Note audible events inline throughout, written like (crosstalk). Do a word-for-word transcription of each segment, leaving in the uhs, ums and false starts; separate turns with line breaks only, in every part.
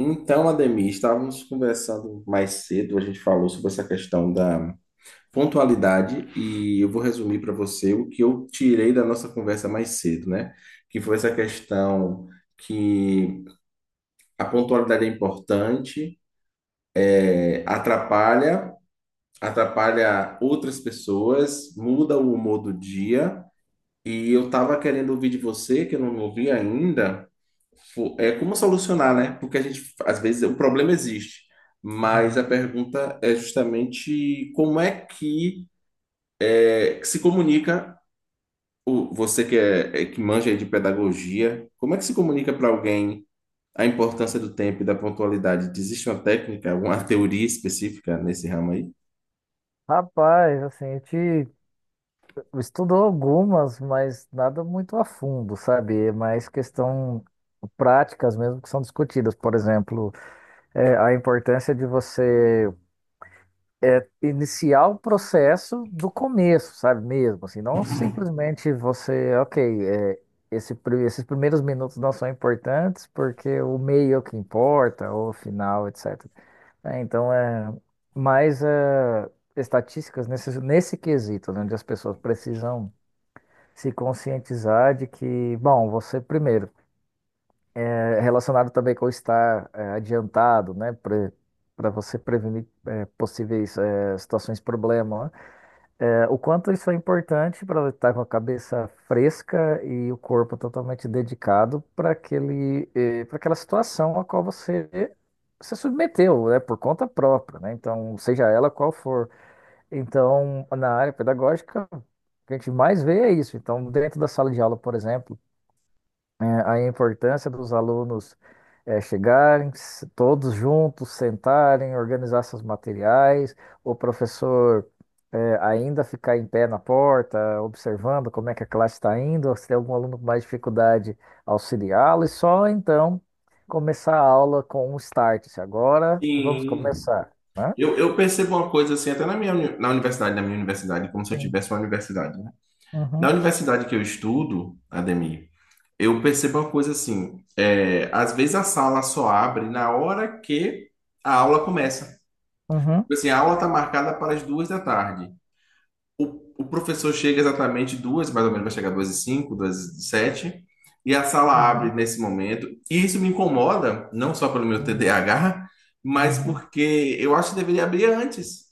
Então, Ademir, estávamos conversando mais cedo, a gente falou sobre essa questão da pontualidade e eu vou resumir para você o que eu tirei da nossa conversa mais cedo, né? Que foi essa questão que a pontualidade é importante, é, atrapalha, atrapalha outras pessoas, muda o humor do dia. E eu tava querendo ouvir de você, que eu não ouvi ainda, fo- é como solucionar, né? Porque a gente, às vezes, o problema existe, mas a pergunta é justamente como é que é, que se comunica, o, você que, é, é- que manja aí de pedagogia, como é que se comunica para alguém a importância do tempo e da pontualidade? Existe uma técnica, alguma teoria específica nesse ramo aí?
Rapaz, assim, a gente estudou algumas, mas nada muito a fundo, sabe? É mais questão práticas mesmo que são discutidas. Por exemplo, é, a importância de você é, iniciar o processo do começo, sabe? Mesmo, assim, não simplesmente você, ok, é, esse, pri- esses primeiros minutos não são importantes porque o meio é o que importa, ou o final, et cetera. É, então é mais é, estatísticas nesse, nesse quesito, né, onde as pessoas precisam se conscientizar de que, bom, você primeiro, é relacionado também com estar é, adiantado, né, para você prevenir é, possíveis é, situações problema, né? É, o quanto isso é importante para estar com a cabeça fresca e o corpo totalmente dedicado para aquele, para aquela situação a qual você se submeteu, né, por conta própria, né? Então, seja ela qual for. Então, na área pedagógica, o que a gente mais vê é isso. Então, dentro da sala de aula, por exemplo, é, aí a importância dos alunos é, chegarem, s- todos juntos, sentarem, organizar seus materiais, o professor é, ainda ficar em pé na porta, observando como é que a classe está indo, se tem algum aluno com mais dificuldade, auxiliá-lo, e só então começar a aula com um start. Se agora vamos
Sim,
começar, né?
eu, eu percebo uma coisa assim, até na minha uni- na universidade, na minha universidade, como se eu
Sim.
tivesse uma universidade. Na
Uhum,
universidade que eu estudo, Ademir, eu percebo uma coisa assim, é, às vezes a sala só abre na hora que a aula começa.
uhum,
Tipo assim, a aula está marcada para as duas da tarde. O, o professor chega exatamente duas, mais ou menos vai chegar duas e cinco, duas e sete, e a sala abre
uhum,
nesse momento. E isso me incomoda, não só pelo meu
uhum,
T D A H, mas
uhum,
porque eu acho que deveria abrir antes,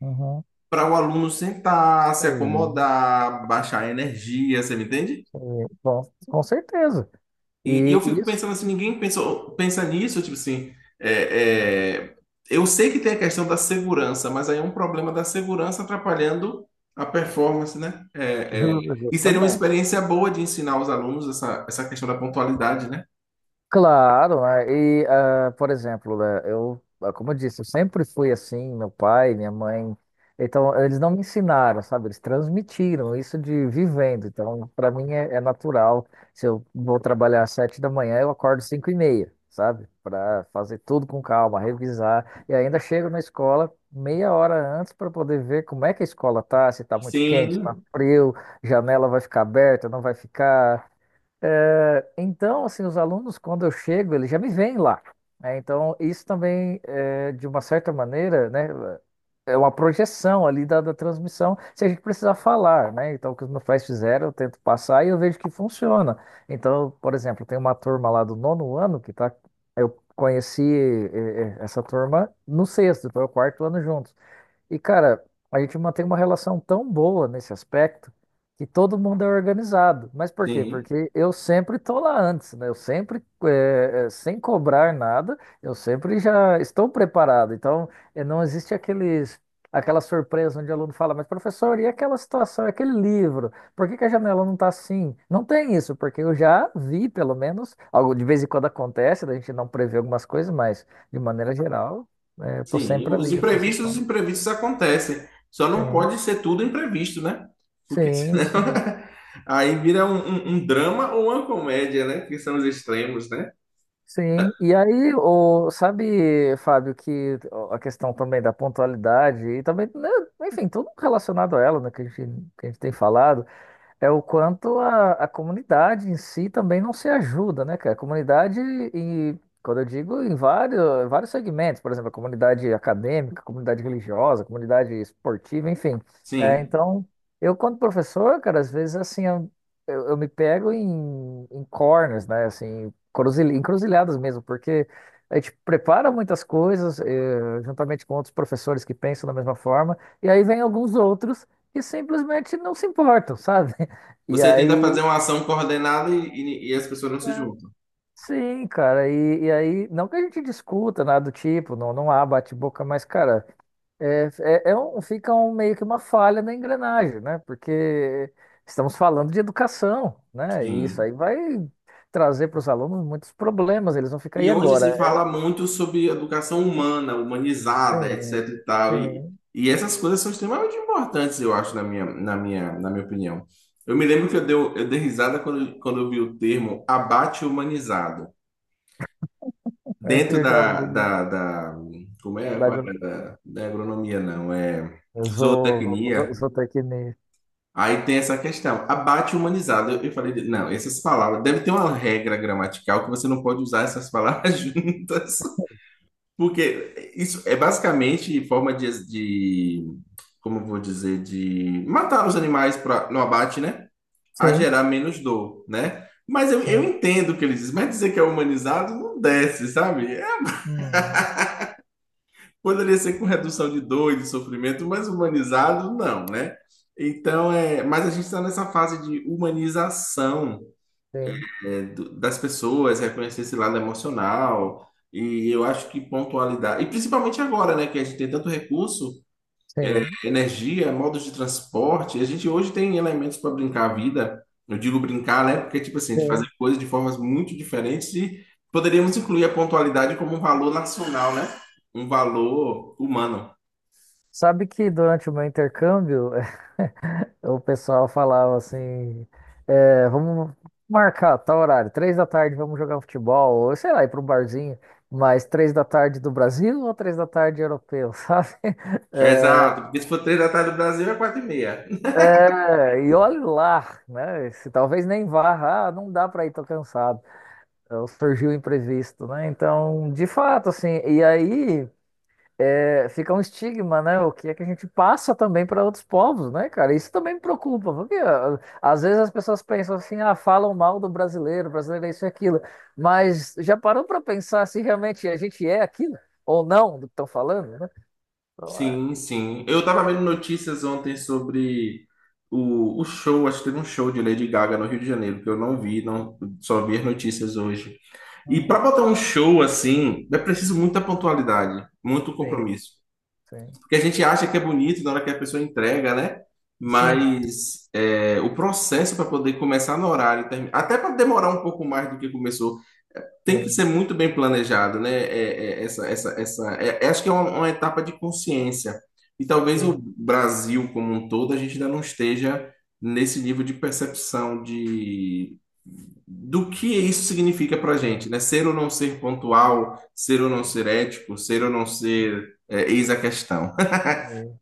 uhum.
para o aluno sentar, se
Sim,
acomodar, baixar a energia, você me entende?
sim. Bom, com certeza.
E, e eu
E
fico
isso.
pensando assim, ninguém pensou, pensa nisso, tipo assim, é, é, eu sei que tem a questão da segurança, mas aí é um problema da segurança atrapalhando a performance, né? É, é,
Ju-
e seria uma
Justamente.
experiência boa de ensinar os alunos essa, essa questão da pontualidade, né?
Claro, né? E, ah, por exemplo, né, eu, ah, como eu disse, eu sempre fui assim, meu pai, minha mãe. Então, eles não me ensinaram, sabe? Eles transmitiram isso de vivendo. Então, para mim é, é natural. Se eu vou trabalhar às sete da manhã, eu acordo às cinco e meia, sabe? Para fazer tudo com calma, revisar. E ainda chego na escola meia hora antes para poder ver como é que a escola tá, se tá muito quente, se tá
Sim,
frio, janela vai ficar aberta, não vai ficar. É, então, assim, os alunos, quando eu chego, eles já me veem lá, né? Então, isso também, é, de uma certa maneira, né, é uma projeção ali da, da transmissão, se a gente precisar falar, né? Então, o que os meus pais fizeram, eu tento passar e eu vejo que funciona. Então, por exemplo, tem uma turma lá do nono ano que tá, eu conheci eh, eh, essa turma no sexto, foi o quarto ano juntos. E, cara, a gente mantém uma relação tão boa nesse aspecto que todo mundo é organizado. Mas por quê?
sim,
Porque eu sempre tô lá antes, né? Eu sempre, eh, eh, sem cobrar nada, eu sempre já estou preparado. Então, eh, não existe aqueles, aquela surpresa onde o aluno fala, mas professor, e aquela situação, aquele livro? Por que que a janela não está assim? Não tem isso, porque eu já vi, pelo menos, algo de vez em quando acontece, da gente não prever algumas coisas, mas de maneira geral, eh, eu tô
sim.
sempre
Os
ali,
imprevistos, os
antecipando.
imprevistos acontecem. Só não
Sim.
pode ser tudo imprevisto, né? Porque
Sim,
senão
sim.
(laughs) aí vira um, um- um drama ou uma comédia, né? Que são os extremos, né?
Sim. E aí, o, sabe, Fábio, que a questão também da pontualidade e também, né, enfim, tudo relacionado a ela, né, que a gente, que a gente tem falado. É o quanto a, a comunidade em si também não se ajuda, né, cara? A comunidade, e quando eu digo em vários, vários segmentos, por exemplo, a comunidade acadêmica, a comunidade religiosa, a comunidade esportiva, enfim. É,
Sim.
então, eu, quando professor, cara, às vezes assim, eu, eu- eu me pego em, em corners, né? Assim, cruzil- encruzilhadas mesmo, porque a gente prepara muitas coisas, eh, juntamente com outros professores que pensam da mesma forma, e aí vem alguns outros que simplesmente não se importam, sabe? (laughs) E
Você tenta fazer
aí,
uma ação coordenada e, e- e as pessoas não se juntam.
sim, cara, e, e aí, não que a gente discuta nada do tipo, não, não há bate-boca, mas, cara, é, é, é um, fica um, meio que uma falha na engrenagem, né? Porque estamos falando de educação, né? E isso
Sim.
aí vai trazer para os alunos muitos problemas, eles vão ficar aí
E hoje
agora.
se fala
É,
muito sobre educação humana, humanizada,
Sim,
etc e tal. E,
sim,
e essas coisas são extremamente importantes, eu acho, na minha, na minha, na minha opinião. Eu me lembro que eu, deu, eu dei risada quando, quando eu vi o termo abate humanizado.
(laughs)
Dentro
eu já
da,
vi
da, da- como é?
da
Qual
gru-
era? Da, da agronomia, não, é
zo- zo- zo-
zootecnia.
zootecnia.
Aí tem essa questão, abate humanizado. Eu eu falei, de- não, essas palavras, deve ter uma regra gramatical que você não pode usar essas palavras (laughs) juntas, porque isso é basicamente forma de, de- como eu vou dizer, de matar os animais pra, no abate, né? A
Sim,
gerar menos dor, né? Mas eu, eu
sim,
entendo o que ele diz, mas dizer que é humanizado não desce, sabe? É,
hum,
poderia ser com redução de dor e de sofrimento, mas humanizado não, né? Então, é, mas a gente está nessa fase de humanização
sim,
é, do- das pessoas, reconhecer esse lado emocional. E eu acho que pontualidade, e principalmente agora, né, que a gente tem tanto recurso, é,
sim,
energia, modos de transporte, a gente hoje tem elementos para brincar a vida. Eu digo brincar, né, porque tipo assim, a gente fazer
sim.
coisas de formas muito diferentes e poderíamos incluir a pontualidade como um valor nacional, né? Um valor humano.
Sabe que durante o meu intercâmbio, (laughs) o pessoal falava assim, é, vamos marcar tal horário, três da tarde vamos jogar um futebol, ou sei lá, ir para um barzinho, mas três da tarde do Brasil ou três da tarde europeu, (laughs) sabe?
Exato, porque se for três da tarde do Brasil é quatro e meia.
É, e olhe lá, né? Se talvez nem vá, ah, não dá para ir, tô cansado. Então, surgiu o imprevisto, né? Então, de fato, assim, e aí, é, fica um estigma, né? O que é que a gente passa também para outros povos, né, cara? Isso também me preocupa, porque ah, às vezes as pessoas pensam assim, ah, falam mal do brasileiro, o brasileiro é isso e aquilo, mas já parou para pensar se realmente a gente é aquilo ou não do que estão falando, né? Então, é,
Sim, sim. Eu tava vendo notícias ontem sobre o, o show, acho que teve um show de Lady Gaga no Rio de Janeiro, que eu não vi, não, só vi as notícias hoje. E para
uhum,
botar um show assim, é preciso muita pontualidade, muito
sim,
compromisso.
sim,
Porque a gente acha que é bonito na hora que a pessoa entrega, né?
sim,
Mas é, o processo para poder começar no horário, termi- até para demorar um pouco mais do que começou, tem que ser muito bem planejado, né? É, é, essa, essa, essa, é, é, acho que é uma, uma, etapa de consciência. E talvez o
sim, sim,
Brasil como um todo, a gente ainda não esteja nesse nível de percepção de, do que isso significa para a
sim,
gente, né? Ser ou não ser pontual, ser ou não ser ético, ser ou não ser, é, eis a questão.
sim.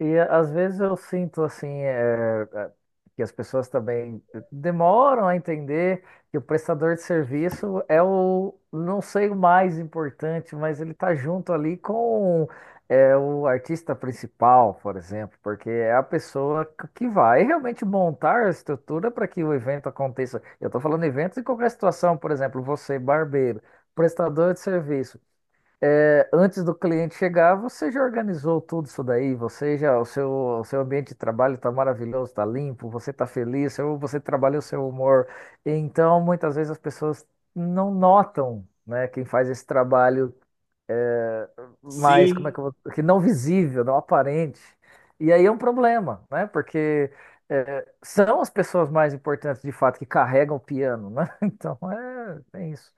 E a- às vezes eu sinto assim é, é, que as pessoas também demoram a entender que o prestador de serviço é o, não sei o mais importante, mas ele está junto ali com é, o artista principal, por exemplo, porque é a pessoa c- que vai realmente montar a estrutura para que o evento aconteça. Eu estou falando eventos em qualquer situação, por exemplo, você, barbeiro, prestador de serviço. É, antes do cliente chegar, você já organizou tudo isso daí, você já, o seu, o seu ambiente de trabalho está maravilhoso, está limpo, você está feliz, seu- você trabalha o seu humor. Então, muitas vezes as pessoas não notam, né, quem faz esse trabalho
(laughs)
mais, como é
Sim.
que eu vou, que não visível, não aparente. E aí é um problema, né, porque é, são as pessoas mais importantes, de fato, que carregam o piano, né? (laughs) Então, é, tem isso.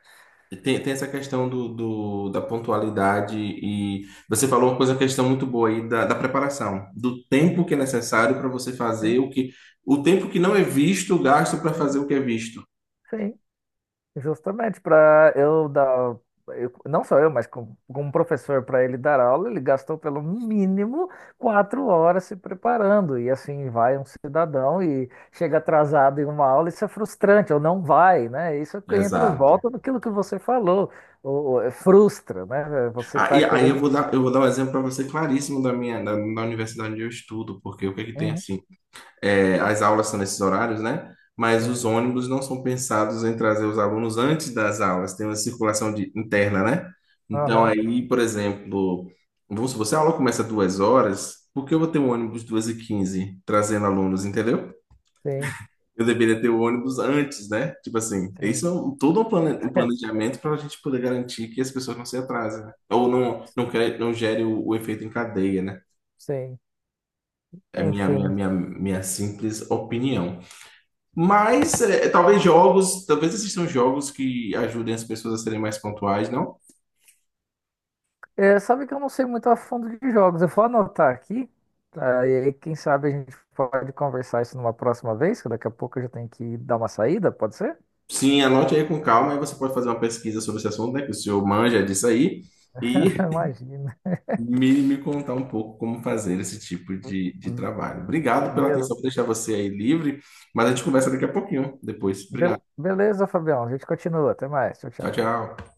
Tem, tem essa questão do, do- da pontualidade e você falou uma coisa, uma questão muito boa aí da, da preparação, do tempo
Sim,
que é necessário para você
sim,
fazer o que, o tempo que não é visto, gasto para fazer
sim,
o que é visto.
sim. Justamente, para eu dar, eu- não só eu, mas com- como professor, para ele dar aula, ele gastou pelo mínimo quatro horas se preparando. E assim vai um cidadão e chega atrasado em uma aula, isso é frustrante, ou não vai, né? Isso é que entra,
Exato.
volta naquilo que você falou, ou, ou, é, frustra, né? É, você
Ah,
está
e aí
querendo.
eu vou dar, eu vou dar um exemplo para você claríssimo da minha, da, da universidade onde eu estudo, porque o que é que tem
Uhum,
assim? É, as aulas são nesses horários, né? Mas os
sim,
ônibus não são pensados em trazer os alunos antes das aulas, tem uma circulação de- interna, né? Então,
aham,
aí, por exemplo, vamos supor, se a aula começa duas horas, por que eu vou ter um ônibus duas e quinze trazendo alunos, entendeu?
sim,
Eu deveria ter o ônibus antes, né? Tipo assim, isso
sim,
é um- todo um plane- um
(laughs)
planejamento para a gente poder garantir que as pessoas não se atrasem, né? Ou não, não, cre- não gere o, o efeito em cadeia, né?
sim,
É minha, minha,
enfim.
minha, minha simples opinião. Mas é, talvez jogos, talvez existam jogos que ajudem as pessoas a serem mais pontuais, não?
É, sabe que eu não sei muito a fundo de jogos. Eu vou anotar aqui, tá? E aí, quem sabe a gente pode conversar isso numa próxima vez, que daqui a pouco eu já tenho que dar uma saída, pode ser?
Sim, anote aí com calma, aí você pode fazer uma pesquisa sobre esse assunto, né? Que o senhor manja disso aí,
(laughs)
e
Imagina.
me, me contar um pouco como fazer esse tipo de, de trabalho. Obrigado pela
Be-
atenção por deixar você aí livre, mas a gente conversa daqui a pouquinho, depois.
be-
Obrigado.
beleza, Fabião. A gente continua. Até mais. Tchau,
Tchau,
tchau.
tchau.